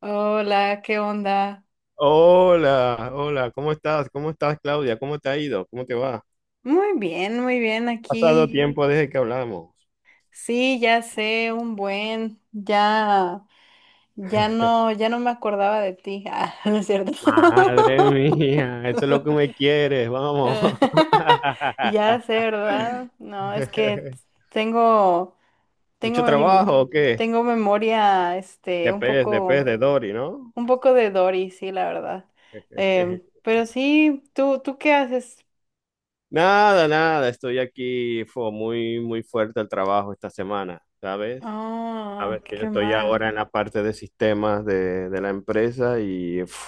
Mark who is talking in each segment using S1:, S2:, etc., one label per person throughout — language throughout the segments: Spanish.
S1: Hola, ¿qué onda?
S2: Hola, hola, ¿cómo estás? ¿Cómo estás, Claudia? ¿Cómo te ha ido? ¿Cómo te va? Ha
S1: Muy bien
S2: pasado
S1: aquí.
S2: tiempo desde que hablamos.
S1: Sí, ya sé, un buen, ya, ya no, ya no me acordaba de ti. Ah, no es cierto.
S2: Madre mía, eso es lo que me quieres, vamos.
S1: Eh, Ya sé, ¿verdad? No, es que tengo, tengo,
S2: ¿Mucho
S1: mem-
S2: trabajo o qué?
S1: tengo memoria, este,
S2: De pez, de pez, de Dory, ¿no?
S1: un poco de Dory, sí, la verdad. Pero sí, ¿tú qué haces?
S2: Nada, nada, estoy aquí, fue muy, muy fuerte el trabajo esta semana, ¿sabes? A
S1: Ah,
S2: ver, que yo
S1: qué
S2: estoy
S1: mal.
S2: ahora en la parte de sistemas de la empresa y uf,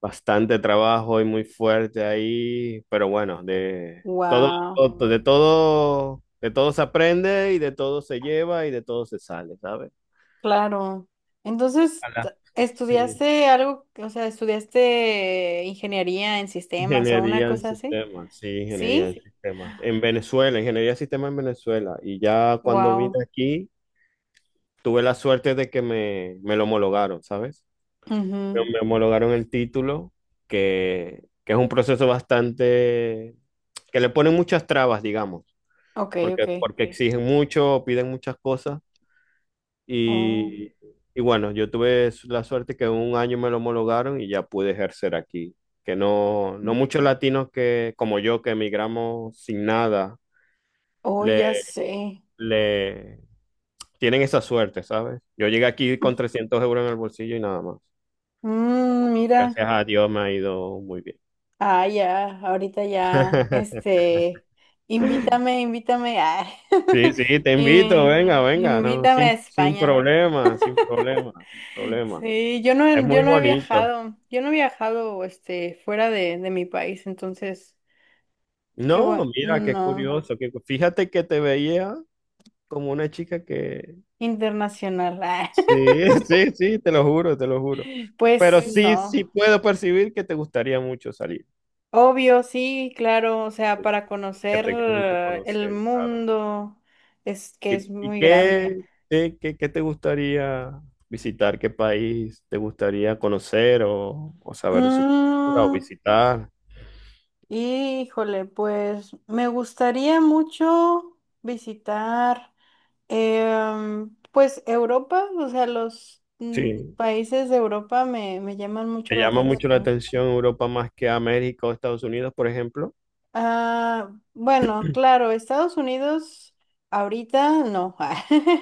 S2: bastante trabajo y muy fuerte ahí, pero bueno, de todo,
S1: Wow.
S2: todo- de todo, de todo se aprende y de todo se lleva y de todo se sale, ¿sabes?
S1: Claro. Entonces, t-
S2: Ala. Sí,
S1: ¿Estudiaste algo, o sea, estudiaste ingeniería en sistemas o una
S2: ingeniería de
S1: cosa así?
S2: sistemas, sí, ingeniería de
S1: ¿Sí?
S2: sistemas. En Venezuela, ingeniería de sistemas en Venezuela. Y ya cuando vine
S1: Wow.
S2: aquí, tuve la suerte de que me lo homologaron, ¿sabes? me,
S1: Ujú.
S2: me homologaron el título, que es un proceso bastante, que le ponen muchas trabas, digamos,
S1: Ok, ok.
S2: porque, sí, exigen mucho, piden muchas cosas
S1: Oh,
S2: y, y bueno, yo tuve la suerte que en un año me lo homologaron y ya pude ejercer aquí, que no muchos latinos que, como yo, que emigramos sin nada,
S1: oh, ya
S2: le,
S1: sé.
S2: le tienen esa suerte, ¿sabes? Yo llegué aquí con 300 euros en el bolsillo y nada más.
S1: Mm, mira.
S2: Gracias a Dios me ha ido muy bien.
S1: Ah, ya, ahorita ya, este, invítame, invítame.
S2: Sí, sí, te
S1: y
S2: invito,
S1: me-
S2: venga, venga, no,
S1: Invítame a
S2: sin
S1: España.
S2: problema, sin problema, sin problema.
S1: Sí,
S2: Es muy
S1: yo no he
S2: bonito.
S1: viajado, yo no he viajado, este, fuera de mi país, entonces, qué bueno,
S2: No, mira, qué
S1: no,
S2: curioso, que fíjate que te veía como una chica que...
S1: internacional, ah,
S2: Sí, sí, sí, te lo juro, te lo juro.
S1: pues
S2: Pues sí, sí
S1: no,
S2: puedo percibir que te gustaría mucho salir,
S1: obvio, sí, claro, o sea, para
S2: que
S1: conocer
S2: te gusta mucho
S1: el
S2: conocer, claro.
S1: mundo es que es
S2: ¿Y
S1: muy grande.
S2: qué, qué te gustaría visitar? ¿Qué país te gustaría conocer o saber de su cultura o
S1: Mm,
S2: visitar?
S1: Híjole, pues me gustaría mucho visitar. Pues Europa, o sea, los
S2: Sí,
S1: países de Europa me, me llaman mucho
S2: te
S1: la
S2: llama mucho la
S1: atención.
S2: atención Europa más que a México o Estados Unidos, por ejemplo.
S1: Ah, bueno, claro, Estados Unidos ahorita no,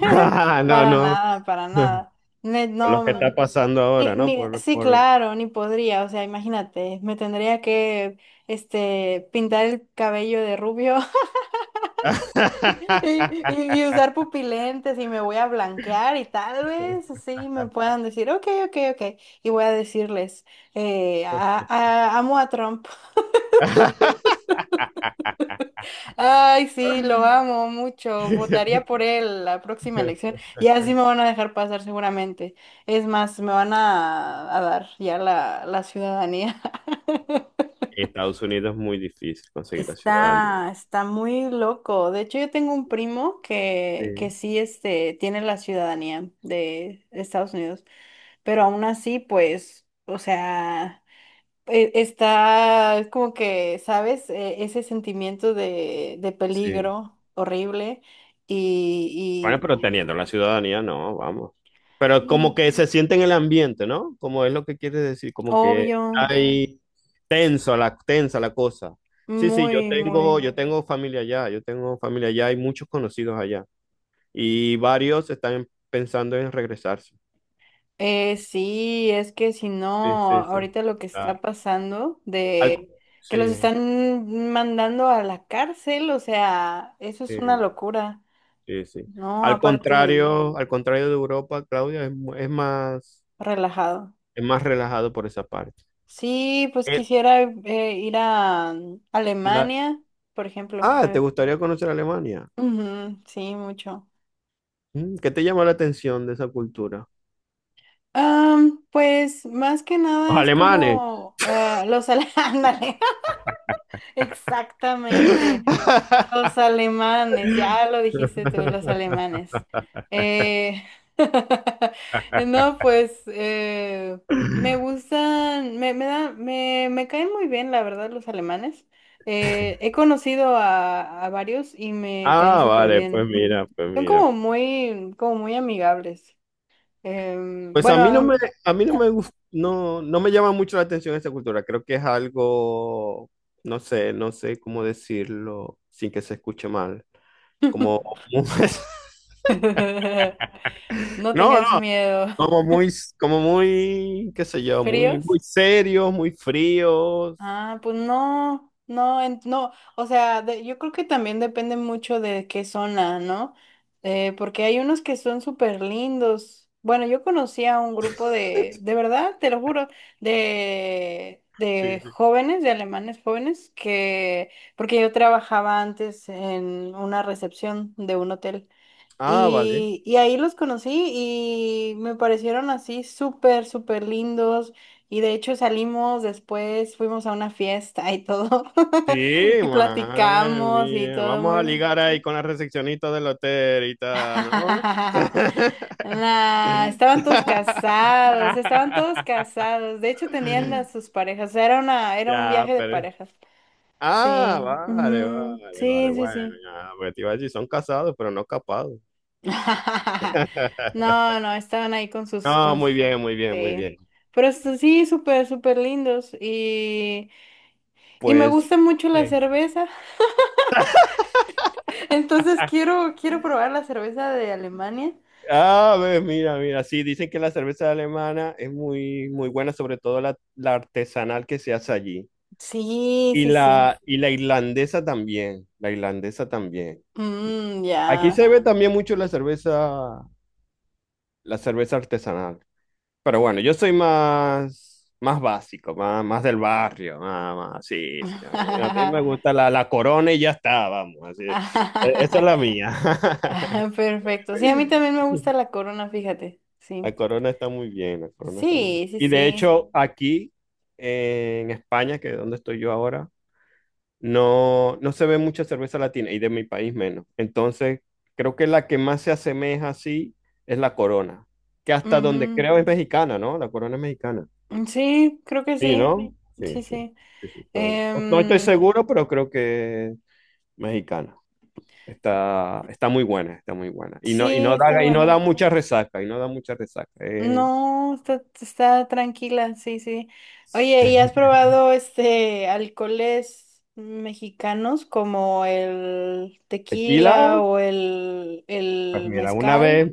S2: Ah, no,
S1: para
S2: no.
S1: nada, para
S2: Por
S1: nada. Ne- No,
S2: lo que
S1: mm,
S2: está pasando ahora, ¿no? Por,
S1: sí,
S2: por...
S1: claro, ni podría, o sea, imagínate, me tendría que este, pintar el cabello de rubio. Y usar pupilentes y me voy a blanquear y tal vez así me puedan decir, ok, ok, ok. Y voy a decirles, amo a Trump. Ay, sí, lo amo mucho. Votaría por él la próxima elección. Y así me van a dejar pasar seguramente. Es más, me van a dar ya la ciudadanía.
S2: Estados Unidos es muy difícil conseguir la ciudadanía.
S1: Está, está muy loco. De hecho, yo tengo un primo que
S2: Sí,
S1: sí, este, tiene la ciudadanía de Estados Unidos. Pero aún así, pues, o sea, está como que, ¿sabes? Ese sentimiento de
S2: sí.
S1: peligro horrible
S2: Bueno,
S1: y,
S2: pero teniendo la ciudadanía, no, vamos. Pero
S1: y
S2: como
S1: mm,
S2: que se siente en el ambiente, ¿no? Como es lo que quiere decir, como que
S1: obvio,
S2: hay tensa la cosa. Sí, sí,
S1: muy, muy.
S2: yo tengo familia allá, yo tengo familia allá, hay muchos conocidos allá. Y varios están pensando en regresarse.
S1: Sí, es que si
S2: Sí,
S1: no,
S2: sí, sí.
S1: ahorita lo que
S2: Ah,
S1: está pasando
S2: al,
S1: de que
S2: sí,
S1: los están mandando a la cárcel, o sea, eso es una
S2: sí,
S1: locura,
S2: sí, sí.
S1: ¿no? Aparte,
S2: Al contrario de Europa, Claudia,
S1: relajado.
S2: es más relajado por esa parte.
S1: Sí, pues
S2: Eh,
S1: quisiera ir a
S2: la-
S1: Alemania, por ejemplo.
S2: Ah, ¿te gustaría conocer Alemania?
S1: Ujú, sí, mucho.
S2: ¿Qué te llama la atención de esa cultura?
S1: Pues más que
S2: Los
S1: nada es
S2: alemanes.
S1: como los... Ándale, exactamente. Los alemanes, ya lo dijiste tú, los alemanes. Eh, no, pues me gustan, me, me caen muy bien, la verdad, los alemanes. He conocido a varios y me caen
S2: Ah,
S1: súper
S2: vale, pues
S1: bien.
S2: mira,
S1: Ujú.
S2: pues
S1: Son
S2: mira.
S1: como muy amigables. Em,
S2: Pues
S1: bueno, am-
S2: a mí no me gus- no me llama mucho la atención esa cultura. Creo que es algo, no sé, no sé cómo decirlo sin que se escuche mal. Como,
S1: no
S2: no, no,
S1: tengas miedo.
S2: como muy, como muy, qué sé yo, muy, muy
S1: ¿Fríos?
S2: serios, muy fríos.
S1: Ah, no, o sea, yo creo que también depende mucho de qué zona, ¿no? Porque hay unos que son súper lindos. Bueno, yo conocí a un grupo de verdad, te lo juro,
S2: Sí,
S1: de jóvenes, de alemanes jóvenes, que, porque yo trabajaba antes en una recepción de un hotel.
S2: ah, vale.
S1: Y ahí los conocí y me parecieron así súper, súper lindos. Y de hecho salimos después, fuimos a una fiesta y todo.
S2: Sí,
S1: Y
S2: madre
S1: platicamos y
S2: mía.
S1: todo
S2: Vamos a
S1: muy...
S2: ligar ahí con la recepcionista del hotel y tal, ¿no?
S1: Nah, estaban todos casados, estaban todos casados. De hecho tenían a sus parejas. Era una, era un
S2: Ya,
S1: viaje de
S2: pero...
S1: parejas.
S2: Ah,
S1: Sí,
S2: vale,
S1: ujú,
S2: vale, vale.
S1: sí, sí,
S2: Bueno,
S1: sí.
S2: ya, porque te iba a decir, son casados, pero no capados.
S1: No, no, estaban ahí con sus,
S2: No,
S1: con,
S2: muy
S1: s-
S2: bien, muy bien, muy
S1: eh,
S2: bien.
S1: pero sí, súper, súper lindos y me
S2: Pues,
S1: gusta mucho la
S2: sí.
S1: cerveza, entonces quiero, quiero probar la cerveza de Alemania.
S2: A ver, mira, mira, sí, dicen que la cerveza alemana es muy, muy buena, sobre todo la artesanal que se hace allí.
S1: Sí,
S2: Y
S1: sí, sí.
S2: la, y la irlandesa también, la irlandesa también. Sí.
S1: Mm, ya.
S2: Aquí se ve también mucho la cerveza artesanal. Pero bueno, yo soy más, más básico, más del barrio, sí, sí. A mí me gusta la corona y ya está, vamos. Así, esa es
S1: Ah,
S2: la mía.
S1: perfecto. Sí, a mí también me gusta la corona, fíjate. Sí.
S2: La corona está muy bien, la corona está muy bien.
S1: Sí, sí,
S2: Y de
S1: sí.
S2: hecho, aquí en España, que es donde estoy yo ahora, no se ve mucha cerveza latina y de mi país menos. Entonces, creo que la que más se asemeja así es la Corona, que hasta donde
S1: Mm,
S2: creo es mexicana, ¿no? La Corona es mexicana.
S1: sí, creo que
S2: Sí,
S1: sí.
S2: ¿no? Sí,
S1: Sí,
S2: sí.
S1: sí.
S2: Sí, sí, No, no estoy
S1: Em,
S2: seguro, pero creo que es mexicana. Está muy buena, está muy buena. Y
S1: Sí, está
S2: y no da
S1: buena.
S2: mucha resaca, y no da mucha resaca.
S1: No, está, está tranquila, sí, sí. Oye, ¿y has probado este alcoholes mexicanos como el tequila
S2: Tequila.
S1: o
S2: Pues
S1: el
S2: mira,
S1: mezcal?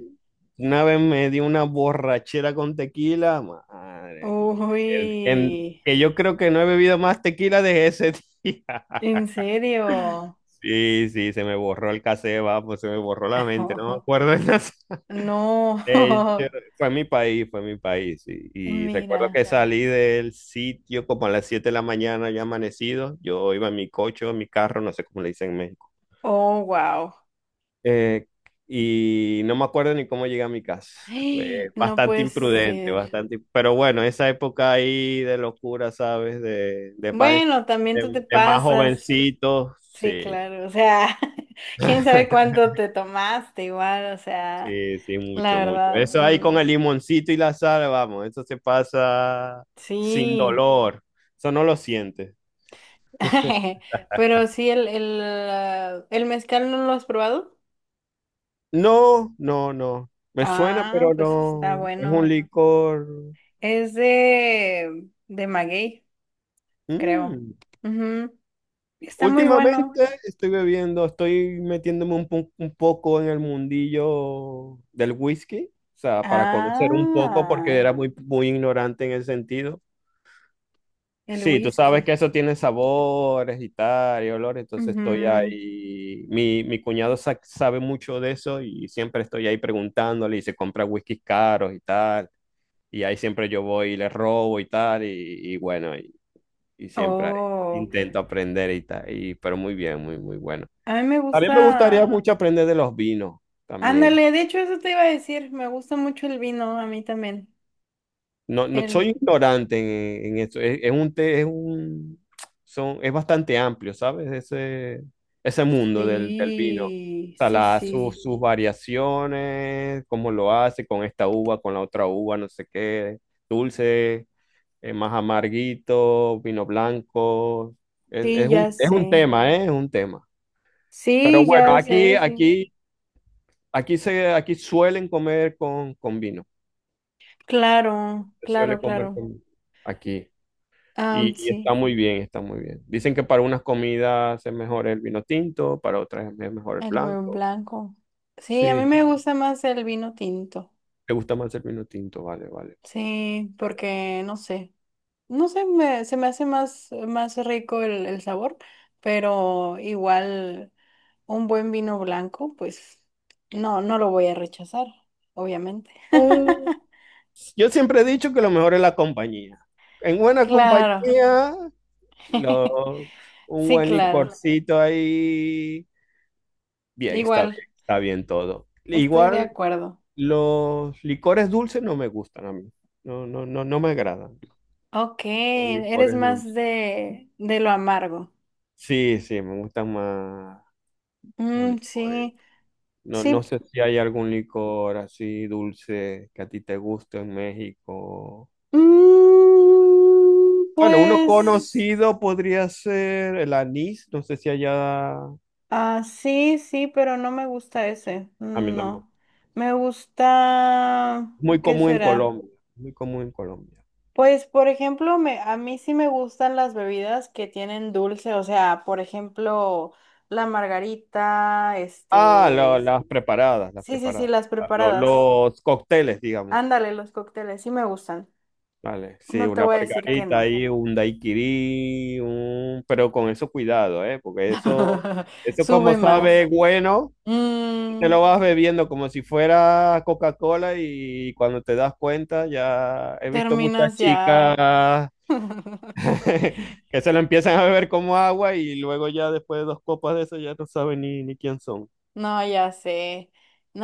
S2: una vez me di una borrachera con tequila, madre mía, que, que-
S1: Uy,
S2: que yo creo que no he bebido más tequila desde ese día.
S1: ¿en serio?
S2: Sí, sí, se me borró el casé, pues se me borró la mente, no me acuerdo de nada. De hecho,
S1: No,
S2: fue mi país, sí. Y recuerdo
S1: mira.
S2: que salí del sitio como a las 7 de la mañana, ya amanecido. Yo iba en mi coche, en mi carro, no sé cómo le dicen en México.
S1: Oh, wow.
S2: Eh, y no me acuerdo ni cómo llegué a mi casa. Fue
S1: No
S2: bastante
S1: puede
S2: imprudente,
S1: ser.
S2: bastante. Pero bueno, esa época ahí de locura, ¿sabes? De, de, más,
S1: Bueno, también tú te
S2: de, de más
S1: pasas.
S2: jovencito,
S1: Sí,
S2: sí.
S1: claro, o sea, quién sabe cuánto te tomaste igual, o sea,
S2: Sí, sí,
S1: la
S2: mucho, mucho.
S1: verdad,
S2: Eso ahí con el limoncito y la sal, vamos, eso se pasa sin
S1: sí,
S2: dolor. Eso no lo sientes.
S1: pero sí, el mezcal no lo has probado.
S2: No, no, no. Me suena,
S1: Ah,
S2: pero
S1: pues está
S2: no. Es un
S1: bueno.
S2: licor.
S1: Es de maguey, creo.
S2: mm,
S1: Ujú, está muy
S2: Últimamente
S1: bueno.
S2: estoy metiéndome un poco en el mundillo del whisky, o sea, para conocer un poco porque
S1: Ah,
S2: era muy, muy ignorante en ese sentido.
S1: el
S2: Sí, tú sabes
S1: whisky.
S2: que eso tiene sabores y tal, y olores, entonces estoy
S1: Ujú.
S2: ahí. Mi cuñado sabe mucho de eso y siempre estoy ahí preguntándole y se compra whiskies caros y tal, y ahí siempre yo voy y le robo y tal, y bueno, y siempre ahí
S1: Oh,
S2: intento aprender y tal, pero muy bien, muy, muy bueno.
S1: a mí me
S2: A mí me gustaría
S1: gusta.
S2: mucho aprender de los vinos también.
S1: Ándale, de hecho eso te iba a decir, me gusta mucho el vino, a mí también.
S2: No, no soy
S1: El...
S2: ignorante en esto. Es un, te- es un, son, es bastante amplio, ¿sabes? Ese mundo del vino. O
S1: Sí,
S2: sea,
S1: sí,
S2: sus,
S1: sí,
S2: sus variaciones, cómo lo hace con esta uva, con la otra uva, no sé qué, dulce, más amarguito, vino blanco. Es,
S1: sí,
S2: es
S1: ya
S2: un, es un
S1: sé.
S2: tema, ¿eh? Es un tema. Pero
S1: Sí,
S2: bueno,
S1: ya sé, sí.
S2: aquí, aquí suelen comer con vino.
S1: Claro,
S2: Se
S1: claro,
S2: suele comer
S1: claro.
S2: aquí.
S1: Ah,
S2: Y está
S1: sí,
S2: muy bien, está muy bien. Dicen que para unas comidas es mejor el vino tinto, para otras es mejor el
S1: el buen
S2: blanco.
S1: blanco. Sí, a mí
S2: Sí,
S1: me gusta más el vino tinto.
S2: te gusta más el vino tinto, vale, vale.
S1: Sí,
S2: Vale.
S1: porque no sé. No sé, se me hace más, más rico el sabor, pero igual un buen vino blanco, pues no, no lo voy a rechazar, obviamente.
S2: Un- yo siempre he dicho que lo mejor es la compañía. En buena
S1: Claro,
S2: compañía, lo- un
S1: sí,
S2: buen
S1: claro.
S2: licorcito ahí. Bien, está
S1: Igual,
S2: bien, está bien todo.
S1: estoy de
S2: Igual,
S1: acuerdo.
S2: los licores dulces no me gustan a mí. No, no, no, no me agradan.
S1: Ok,
S2: Los
S1: eres
S2: licores
S1: más
S2: dulces.
S1: de lo amargo.
S2: Sí, sí, me gustan más los
S1: Mm,
S2: licores.
S1: sí,
S2: No,
S1: sí.
S2: no sé si hay algún licor así dulce que a ti te guste en México.
S1: Mm,
S2: Bueno, uno
S1: pues.
S2: conocido podría ser el anís. No sé si allá...
S1: Ah, sí, sí, pero no me gusta ese.
S2: A mí tampoco.
S1: No. Me gusta...
S2: Muy
S1: ¿Qué
S2: común en
S1: será?
S2: Colombia. Muy común en Colombia.
S1: Pues, por ejemplo, a mí sí me gustan las bebidas que tienen dulce, o sea, por ejemplo, la margarita,
S2: Ah,
S1: este...
S2: las preparadas, las
S1: Sí, sí, sí,
S2: preparadas.
S1: las preparadas.
S2: Los cócteles, digamos.
S1: Ándale, los cócteles, sí me gustan.
S2: Vale, sí,
S1: No te
S2: una
S1: voy a decir que
S2: pargarita
S1: no.
S2: ahí, un daiquiri, pero con eso cuidado, ¿eh? Porque eso, eso como
S1: Sube más.
S2: sabe bueno, te
S1: Mm,
S2: lo vas bebiendo como si fuera Coca-Cola y cuando te das cuenta ya he visto muchas
S1: terminas ya.
S2: chicas que se lo empiezan a beber como agua y luego ya después de dos copas de eso ya no saben ni quién son.
S1: No, ya sé.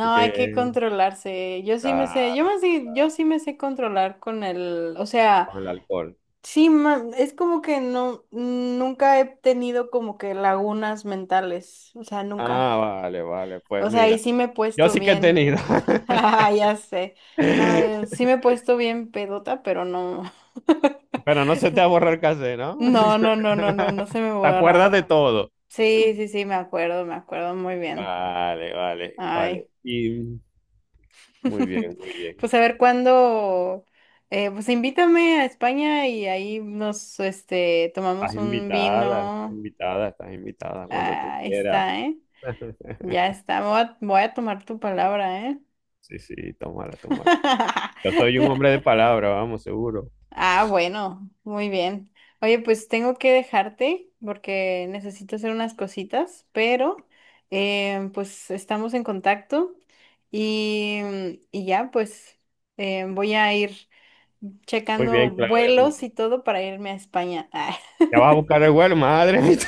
S2: Así
S1: hay que
S2: que,
S1: controlarse.
S2: claro,
S1: Yo sí me sé controlar con el, o sea,
S2: con el alcohol.
S1: sí, es como que no, nunca he tenido como que lagunas mentales, o sea, nunca.
S2: Ah, vale, vale,
S1: O
S2: pues
S1: sea, y
S2: mira,
S1: sí me he
S2: yo
S1: puesto
S2: sí que he
S1: bien,
S2: tenido.
S1: ya sé. No, sí me he puesto bien pedota, pero no.
S2: Pero no se te va a borrar casé, ¿no?
S1: No, no, no, no, no, no se me
S2: Te acuerdas
S1: borra.
S2: de todo.
S1: Sí, sí, sí, me acuerdo muy bien.
S2: Vale, vale, vale.
S1: Ay.
S2: Y muy bien, muy bien.
S1: Pues a ver cuándo, pues invítame a España y ahí nos, este,
S2: Estás
S1: tomamos un
S2: invitada, estás
S1: vino.
S2: invitada, estás invitada cuando tú
S1: Ah,
S2: quieras.
S1: está, ¿eh? Ya está, voy a tomar tu palabra, ¿eh?
S2: Sí, sí, tómala, tómala. Yo soy un hombre de palabra, vamos, seguro.
S1: Ah, bueno, muy bien. Oye, pues tengo que dejarte porque necesito hacer unas cositas, pero pues estamos en contacto y, y ya, pues voy a ir
S2: Muy
S1: checando
S2: bien, Claudia, muy
S1: vuelos
S2: bien.
S1: y todo para irme a España. Ah.
S2: Ya vas a buscar el vuelo, madre mía.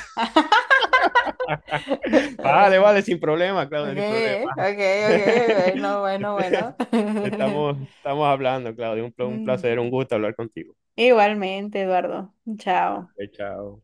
S2: Vale, vale, sin problema, Claudia, sin
S1: Okay, okay,
S2: problema.
S1: okay, bueno, bueno,
S2: Este,
S1: bueno.
S2: estamos hablando, Claudio. Un
S1: Mm,
S2: placer, un gusto hablar contigo.
S1: Igualmente, Eduardo. Chao.
S2: Ah, chao.